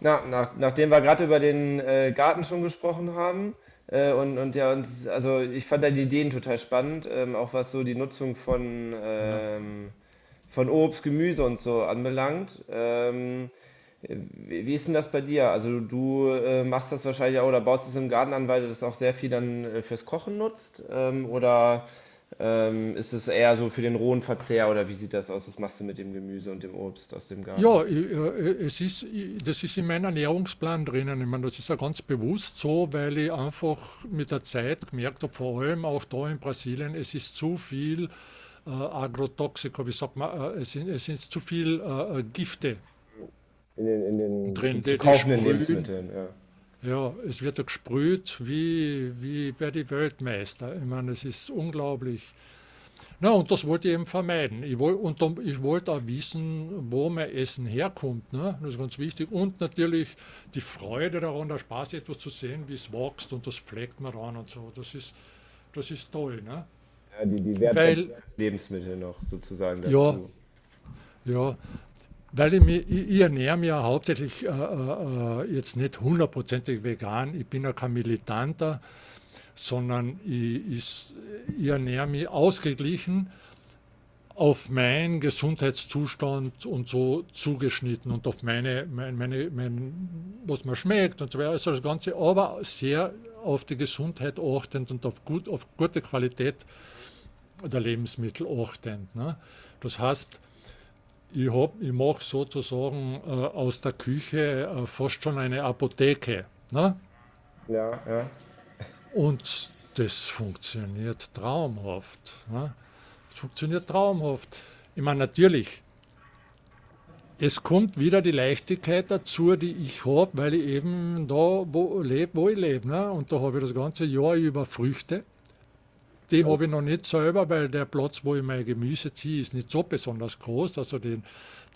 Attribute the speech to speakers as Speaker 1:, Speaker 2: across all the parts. Speaker 1: Nachdem wir gerade über den Garten schon gesprochen haben, und ja, also ich fand deine Ideen total spannend, auch was so die Nutzung von,
Speaker 2: Ja.
Speaker 1: ähm, von Obst, Gemüse und so anbelangt. Wie ist denn das bei dir? Also du machst das wahrscheinlich auch oder baust es im Garten an, weil du das auch sehr viel dann fürs Kochen nutzt? Oder ist es eher so für den rohen Verzehr oder wie sieht das aus? Was machst du mit dem Gemüse und dem Obst aus dem Garten?
Speaker 2: Ja, i es ist i das ist in meinem Ernährungsplan drinnen. Ich meine, das ist ja ganz bewusst so, weil ich einfach mit der Zeit gemerkt habe, vor allem auch da in Brasilien, es ist zu viel, Agrotoxika, wie sagt man, es sind zu viel, Gifte
Speaker 1: In den
Speaker 2: drin,
Speaker 1: zu
Speaker 2: die
Speaker 1: kaufenden
Speaker 2: sprühen.
Speaker 1: Lebensmitteln, ja.
Speaker 2: Ja, es wird ja gesprüht wie bei die Weltmeister. Ich meine, es ist unglaublich. Na, und das wollte ich eben vermeiden. Ich wollte, und dann, ich wollte auch wissen, wo mein Essen herkommt. Ne? Das ist ganz wichtig. Und natürlich die Freude daran, der Spaß, etwas zu sehen, wie es wächst und das pflegt man ran und so. Das ist toll. Ne?
Speaker 1: Ja, die Wertschätzung
Speaker 2: Weil,
Speaker 1: des Lebensmittels noch sozusagen
Speaker 2: ja,
Speaker 1: dazu.
Speaker 2: ja, weil ich ernähre mich ja hauptsächlich jetzt nicht hundertprozentig vegan. Ich bin ja kein Militanter, sondern ich ernähre mich ausgeglichen auf meinen Gesundheitszustand und so zugeschnitten und auf was mir schmeckt und so weiter. Also das Ganze, aber sehr auf die Gesundheit achtend und auf, gut, auf gute Qualität der Lebensmittel achtend. Ne? Das heißt, ich mache sozusagen aus der Küche fast schon eine Apotheke. Ne?
Speaker 1: Ja, ja.
Speaker 2: Und das funktioniert traumhaft. Ne? Das funktioniert traumhaft. Ich meine, natürlich, es kommt wieder die Leichtigkeit dazu, die ich habe, weil ich eben da wo lebe, wo ich lebe. Ne? Und da habe ich das ganze Jahr über Früchte. Die
Speaker 1: Also,
Speaker 2: habe ich noch nicht selber, weil der Platz, wo ich mein Gemüse ziehe, ist nicht so besonders groß. Also den,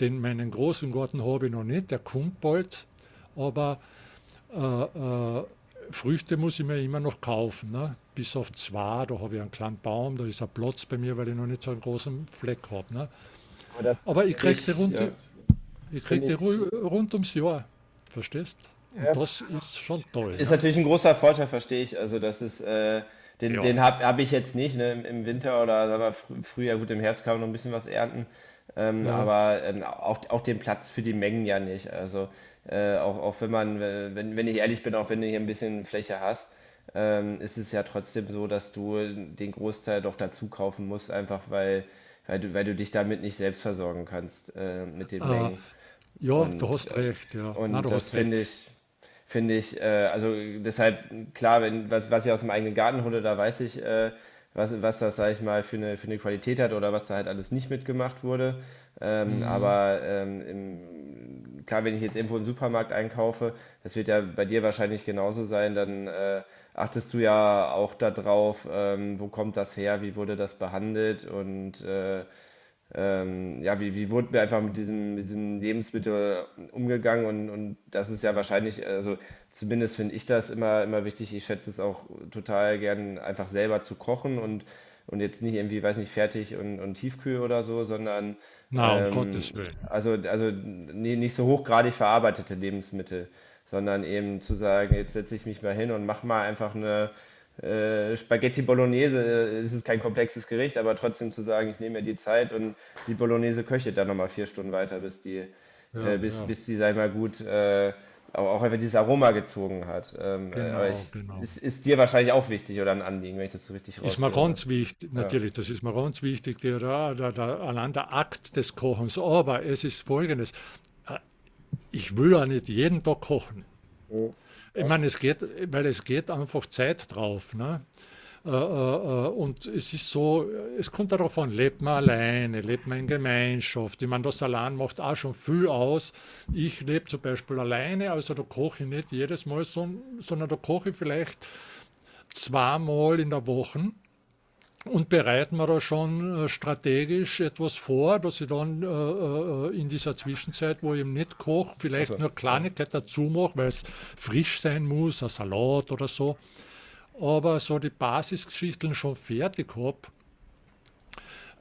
Speaker 2: den meinen großen Garten habe ich noch nicht, der kommt bald. Aber äh, Früchte muss ich mir immer noch kaufen. Ne? Bis auf zwei, da habe ich einen kleinen Baum, da ist ein Platz bei mir, weil ich noch nicht so einen großen Fleck habe. Ne?
Speaker 1: aber das,
Speaker 2: Aber
Speaker 1: das
Speaker 2: ich kriege die runter. Ich krieg
Speaker 1: finde
Speaker 2: die
Speaker 1: ich,
Speaker 2: Ruhe rund ums Jahr, verstehst? Und
Speaker 1: ja,
Speaker 2: das ist schon toll,
Speaker 1: ist
Speaker 2: ne?
Speaker 1: natürlich ein großer Vorteil, verstehe ich. Also, das ist, den, den
Speaker 2: Ja.
Speaker 1: habe hab ich jetzt nicht, ne? Im Winter oder sagen wir, fr früher, gut, im Herbst kann man noch ein bisschen was ernten, ähm,
Speaker 2: Ja,
Speaker 1: aber ähm, auch, auch den Platz für die Mengen ja nicht. Also, auch wenn wenn ich ehrlich bin, auch wenn du hier ein bisschen Fläche hast, ist es ja trotzdem so, dass du den Großteil doch dazu kaufen musst, einfach weil, weil du dich damit nicht selbst versorgen kannst, mit den
Speaker 2: äh,
Speaker 1: Mengen.
Speaker 2: ja, du
Speaker 1: Und,
Speaker 2: hast
Speaker 1: äh,
Speaker 2: recht, ja. Na,
Speaker 1: und
Speaker 2: du
Speaker 1: das
Speaker 2: hast recht.
Speaker 1: finde ich finde ich, also deshalb, klar, wenn, was, was ich aus dem eigenen Garten hole, da weiß ich, was das, sage ich mal, für eine Qualität hat oder was da halt alles nicht mitgemacht wurde.
Speaker 2: Hm.
Speaker 1: Klar, wenn ich jetzt irgendwo im Supermarkt einkaufe, das wird ja bei dir wahrscheinlich genauso sein, dann achtest du ja auch darauf, wo kommt das her, wie wurde das behandelt und wie wurde mir einfach mit diesem Lebensmittel umgegangen und das ist ja wahrscheinlich, also zumindest finde ich das immer, immer wichtig. Ich schätze es auch total gern, einfach selber zu kochen und jetzt nicht irgendwie, weiß nicht, fertig und Tiefkühl oder so, sondern
Speaker 2: Na, um
Speaker 1: ähm,
Speaker 2: Gottes Willen.
Speaker 1: nicht so hochgradig verarbeitete Lebensmittel, sondern eben zu sagen, jetzt setze ich mich mal hin und mach mal einfach eine Spaghetti Bolognese, es ist kein komplexes Gericht, aber trotzdem zu sagen, ich nehme mir die Zeit und die Bolognese köchelt dann nochmal vier Stunden weiter, bis die,
Speaker 2: Ja,
Speaker 1: bis,
Speaker 2: ja,
Speaker 1: bis die, sag ich mal, auch einfach dieses Aroma gezogen hat.
Speaker 2: genau, genau.
Speaker 1: Es ist dir wahrscheinlich auch wichtig oder ein Anliegen, wenn ich das so richtig
Speaker 2: Ist mir
Speaker 1: raushöre.
Speaker 2: ganz wichtig,
Speaker 1: Ja.
Speaker 2: natürlich, das ist mir ganz wichtig, allein der Akt des Kochens. Aber es ist Folgendes, äh, ich will ja nicht jeden Tag kochen.
Speaker 1: Mhm.
Speaker 2: Ich
Speaker 1: Ja.
Speaker 2: meine, es geht, weil es geht einfach Zeit drauf. Ne? Und es ist so, es kommt darauf an, lebt man alleine, lebt man in Gemeinschaft. Ich meine, das allein macht auch schon viel aus. Ich lebe zum Beispiel alleine, also da koche ich nicht jedes Mal, sondern da koche ich vielleicht zweimal in der Woche und bereiten wir da schon strategisch etwas vor, dass ich dann in dieser Zwischenzeit, wo ich eben nicht koche, vielleicht
Speaker 1: Achso,
Speaker 2: nur
Speaker 1: ja.
Speaker 2: Kleinigkeit dazu mache, weil es frisch sein muss, ein Salat oder so. Aber so die Basisgeschichten schon fertig habe,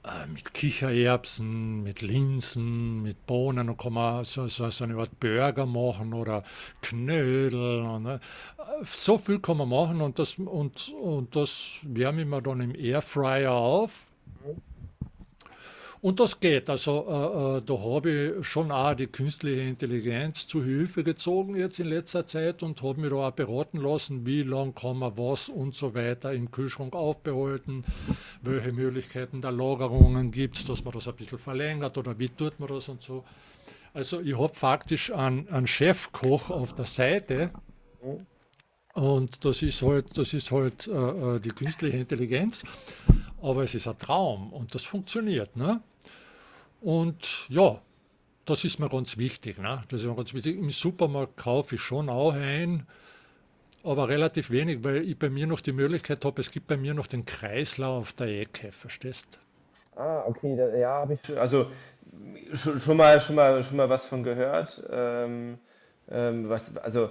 Speaker 2: äh, mit Kichererbsen, mit Linsen, mit Bohnen und kann man so eine Art Burger machen oder Knödel. Und so viel kann man machen und das wärme ich mir dann im Airfryer auf
Speaker 1: Mhm.
Speaker 2: und das geht. Also da habe ich schon auch die künstliche Intelligenz zu Hilfe gezogen jetzt in letzter Zeit und habe mir da auch beraten lassen, wie lange kann man was und so weiter im Kühlschrank aufbehalten, welche Möglichkeiten der Lagerungen gibt es, dass man das ein bisschen verlängert oder wie tut man das und so. Also ich habe faktisch einen Chefkoch auf der Seite,
Speaker 1: Mhm.
Speaker 2: und das ist halt, das ist halt die künstliche Intelligenz, aber es ist ein Traum und das funktioniert. Ne? Und ja, das ist mir ganz wichtig, ne? Das ist mir ganz wichtig. Im Supermarkt kaufe ich schon auch ein, aber relativ wenig, weil ich bei mir noch die Möglichkeit habe, es gibt bei mir noch den Kreislauf der Ecke, verstehst?
Speaker 1: Ah, okay, da, ja, habe ich schon. Also schon, schon mal, schon mal, schon mal was von gehört. Also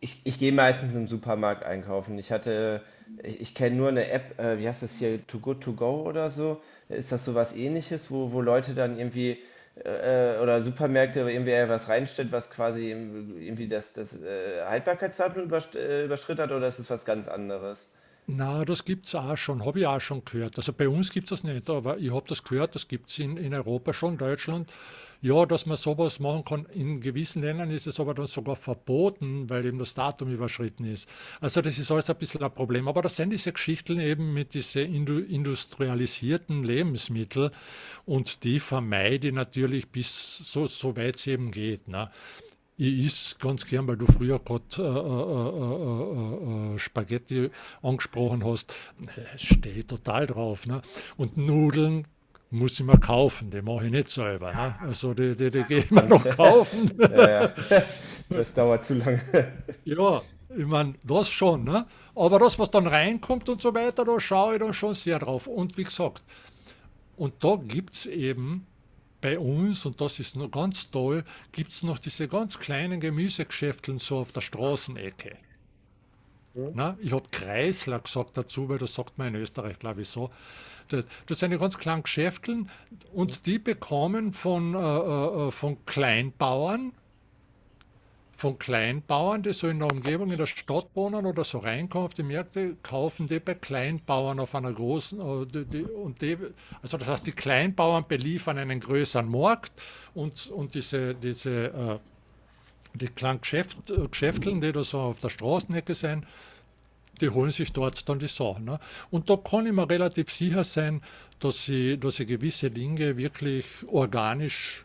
Speaker 1: ich, ich gehe meistens im Supermarkt einkaufen. Ich hatte, ich kenne nur eine App, wie heißt das hier, Too Good To Go oder so. Ist das sowas ähnliches, wo Leute dann irgendwie oder Supermärkte irgendwie was reinstellt, was quasi irgendwie das Haltbarkeitsdatum überschritten hat oder ist es was ganz anderes?
Speaker 2: Na, das gibt's auch schon, habe ich auch schon gehört. Also, bei uns gibt's das nicht, aber ich habe das gehört, das gibt's in Europa schon, Deutschland. Ja, dass man sowas machen kann. In gewissen Ländern ist es aber dann sogar verboten, weil eben das Datum überschritten ist. Also, das ist alles ein bisschen ein Problem. Aber das sind diese Geschichten eben mit diese industrialisierten Lebensmittel und die vermeide ich natürlich bis so weit es eben geht, ne? Ich esse ganz gern, weil du früher gerade Spaghetti angesprochen hast. Stehe ich total drauf. Ne? Und Nudeln muss ich mir kaufen, die mache ich nicht selber. Ne? Also die gehe ich mir
Speaker 1: Und,
Speaker 2: noch
Speaker 1: ja,
Speaker 2: kaufen.
Speaker 1: ja. Das dauert zu lange.
Speaker 2: ja, ich meine, das schon. Ne? Aber das, was dann reinkommt und so weiter, da schaue ich dann schon sehr drauf. Und wie gesagt, und da gibt es eben bei uns, und das ist noch ganz toll, gibt es noch diese ganz kleinen Gemüsegeschäfteln so auf der Straßenecke. Na, ich habe Kreisler gesagt dazu, weil das sagt man in Österreich, glaube ich, so. Das, das sind ja ganz kleine Geschäfteln und die bekommen von Kleinbauern, die so in der Umgebung in der Stadt wohnen oder so reinkommen auf die Märkte, kaufen die bei Kleinbauern auf einer großen, und die, also das heißt, die Kleinbauern beliefern einen größeren Markt und die kleinen Geschäfteln, die da so auf der Straßenecke sind, die holen sich dort dann die Sachen. Ne? Und da kann ich mir relativ sicher sein, dass ich gewisse Dinge wirklich organisch,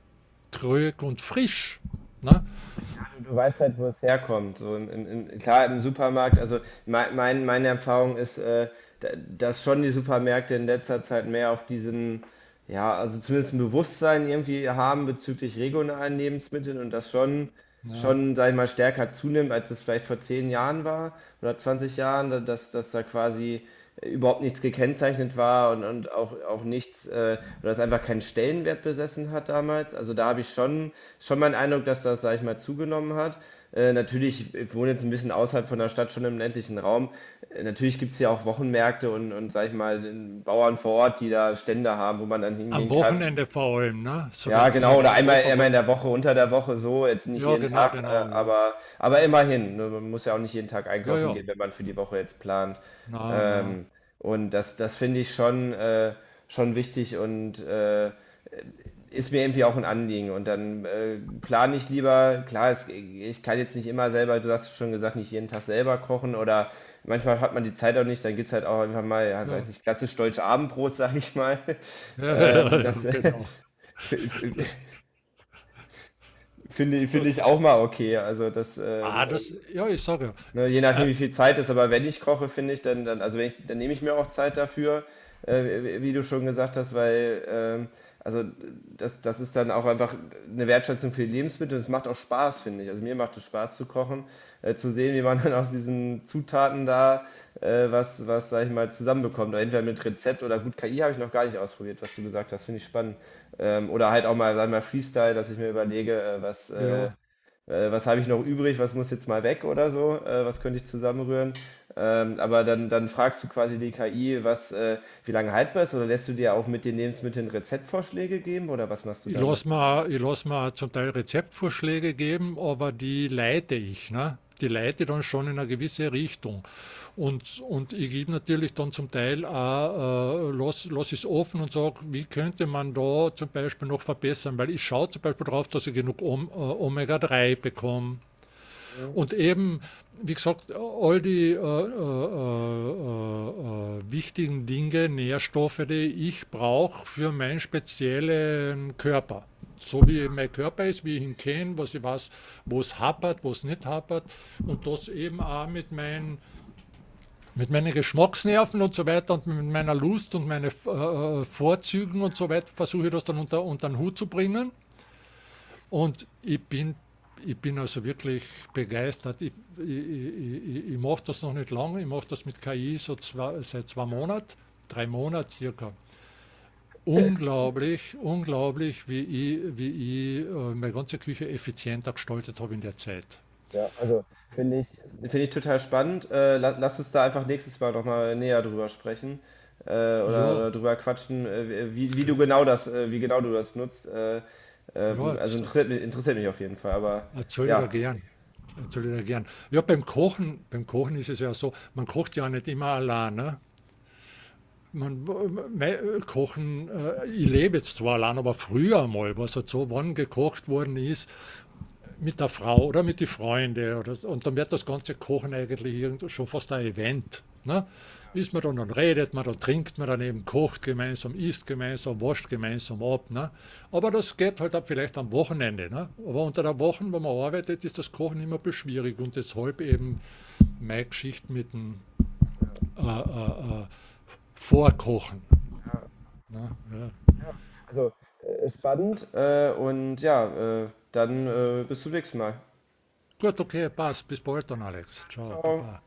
Speaker 2: krög und frisch. Ne?
Speaker 1: Ja, du weißt halt, wo es herkommt. So klar, im Supermarkt, also mein, meine Erfahrung ist, da- dass schon die Supermärkte in letzter Zeit mehr auf diesen, ja, also zumindest ein Bewusstsein irgendwie haben bezüglich regionalen Lebensmitteln und das schon
Speaker 2: Ja.
Speaker 1: schon, sag ich mal, stärker zunimmt, als es vielleicht vor 10 Jahren war oder 20 Jahren, dass da quasi überhaupt nichts gekennzeichnet war und auch, auch nichts, oder es einfach keinen Stellenwert besessen hat damals. Also da habe ich schon, schon meinen Eindruck, dass das, sag ich mal, zugenommen hat. Natürlich, ich wohne jetzt ein bisschen außerhalb von der Stadt, schon im ländlichen Raum. Natürlich gibt es ja auch Wochenmärkte und, sag ich mal, den Bauern vor Ort, die da Stände haben, wo man dann
Speaker 2: Am
Speaker 1: hingehen kann,
Speaker 2: Wochenende vor allem, ne?
Speaker 1: ja,
Speaker 2: Soweit ich mir
Speaker 1: genau, oder
Speaker 2: in Europa
Speaker 1: einmal
Speaker 2: war.
Speaker 1: in der Woche, unter der Woche so, jetzt nicht
Speaker 2: Ja,
Speaker 1: jeden
Speaker 2: genau,
Speaker 1: Tag,
Speaker 2: genau, ja.
Speaker 1: aber immerhin. Ne, man muss ja auch nicht jeden Tag
Speaker 2: Ja,
Speaker 1: einkaufen
Speaker 2: ja.
Speaker 1: gehen, wenn man für die Woche jetzt plant.
Speaker 2: Na, na,
Speaker 1: Ähm, und das, das finde ich schon wichtig und ist mir irgendwie auch ein Anliegen. Und dann plane ich lieber, klar, es, ich kann jetzt nicht immer selber, du hast schon gesagt, nicht jeden Tag selber kochen oder manchmal hat man die Zeit auch nicht, dann gibt es halt auch einfach mal, ja,
Speaker 2: ja.
Speaker 1: weiß nicht, klassisch deutsch Abendbrot, sag ich mal.
Speaker 2: Ja, ja, ja,
Speaker 1: Ähm,
Speaker 2: ja,
Speaker 1: das,
Speaker 2: genau. Das,
Speaker 1: Finde finde
Speaker 2: das,
Speaker 1: ich auch mal okay. Also das,
Speaker 2: ja, ich sage
Speaker 1: ne, je
Speaker 2: ja.
Speaker 1: nachdem, wie viel Zeit ist, aber wenn ich koche, finde ich, dann, dann, also wenn ich, dann nehme ich mir auch Zeit dafür, wie wie du schon gesagt hast, weil, also das, das ist dann auch einfach eine Wertschätzung für die Lebensmittel und es macht auch Spaß, finde ich. Also mir macht es Spaß zu kochen, zu sehen, wie man dann aus diesen Zutaten da was, sag ich mal, zusammenbekommt. Oder entweder mit Rezept oder gut, KI habe ich noch gar nicht ausprobiert, was du gesagt hast, finde ich spannend. Oder halt auch mal, sag ich mal, Freestyle, dass ich mir überlege,
Speaker 2: Ja,
Speaker 1: was habe ich noch übrig, was muss jetzt mal weg oder so, was könnte ich zusammenrühren. Aber dann, dann fragst du quasi die KI, wie lange haltbar ist, oder lässt du dir auch mit den Lebensmitteln Rezeptvorschläge geben oder was machst du
Speaker 2: ich
Speaker 1: damit?
Speaker 2: lasse ich lass mir zum Teil Rezeptvorschläge geben, aber die leite ich. Ne? Die leite dann schon in eine gewisse Richtung. Und ich gebe natürlich dann zum Teil auch, lass, lass es offen und sage, wie könnte man da zum Beispiel noch verbessern? Weil ich schaue zum Beispiel darauf, dass ich genug Omega-3 bekomme. Und eben, wie gesagt, all die wichtigen Dinge, Nährstoffe, die ich brauche für meinen speziellen Körper. So wie mein Körper ist, wie ich ihn kenne, was ich weiß, wo es hapert, wo es nicht hapert. Und das eben auch mit meinen Geschmacksnerven und so weiter und mit meiner Lust und meinen Vorzügen und so weiter versuche ich das dann unter den Hut zu bringen. Und ich bin also wirklich begeistert. Ich mache das noch nicht lange, ich mache das mit KI so seit 2 Monaten, 3 Monaten circa. Unglaublich, unglaublich, wie ich meine ganze Küche effizienter gestaltet habe in der Zeit.
Speaker 1: Ja, also finde ich, Finde ich total spannend. La Lass uns da einfach nächstes Mal nochmal näher drüber sprechen,
Speaker 2: Ja,
Speaker 1: oder drüber quatschen, wie du genau wie genau du das nutzt.
Speaker 2: ja,
Speaker 1: Also
Speaker 2: das
Speaker 1: interessiert mich auf jeden Fall, aber
Speaker 2: erzähle ich da
Speaker 1: ja.
Speaker 2: gern. Erzähle ich da gern. Ja, beim Kochen ist es ja so, man kocht ja nicht immer allein. Ne? Ich lebe jetzt zwar allein, aber früher mal, was halt so, wann gekocht worden ist, mit der Frau oder mit den Freunden. Oder, so. Und dann wird das ganze Kochen eigentlich schon fast ein Event. Ne? Ist man dann, dann redet man, dann trinkt man dann eben, kocht gemeinsam, isst gemeinsam, wascht gemeinsam ab. Ne? Aber das geht halt auch vielleicht am Wochenende. Ne? Aber unter der Woche, wenn man arbeitet, ist das Kochen immer ein bisschen schwierig und deshalb eben meine Geschichte mit dem äh, äh, äh, Vorkochen. Na, ja.
Speaker 1: Also, ist spannend und ja, dann bis zum nächsten Mal.
Speaker 2: Gut, okay, passt. Bis bald dann, Alex. Ciao,
Speaker 1: Ciao.
Speaker 2: Baba.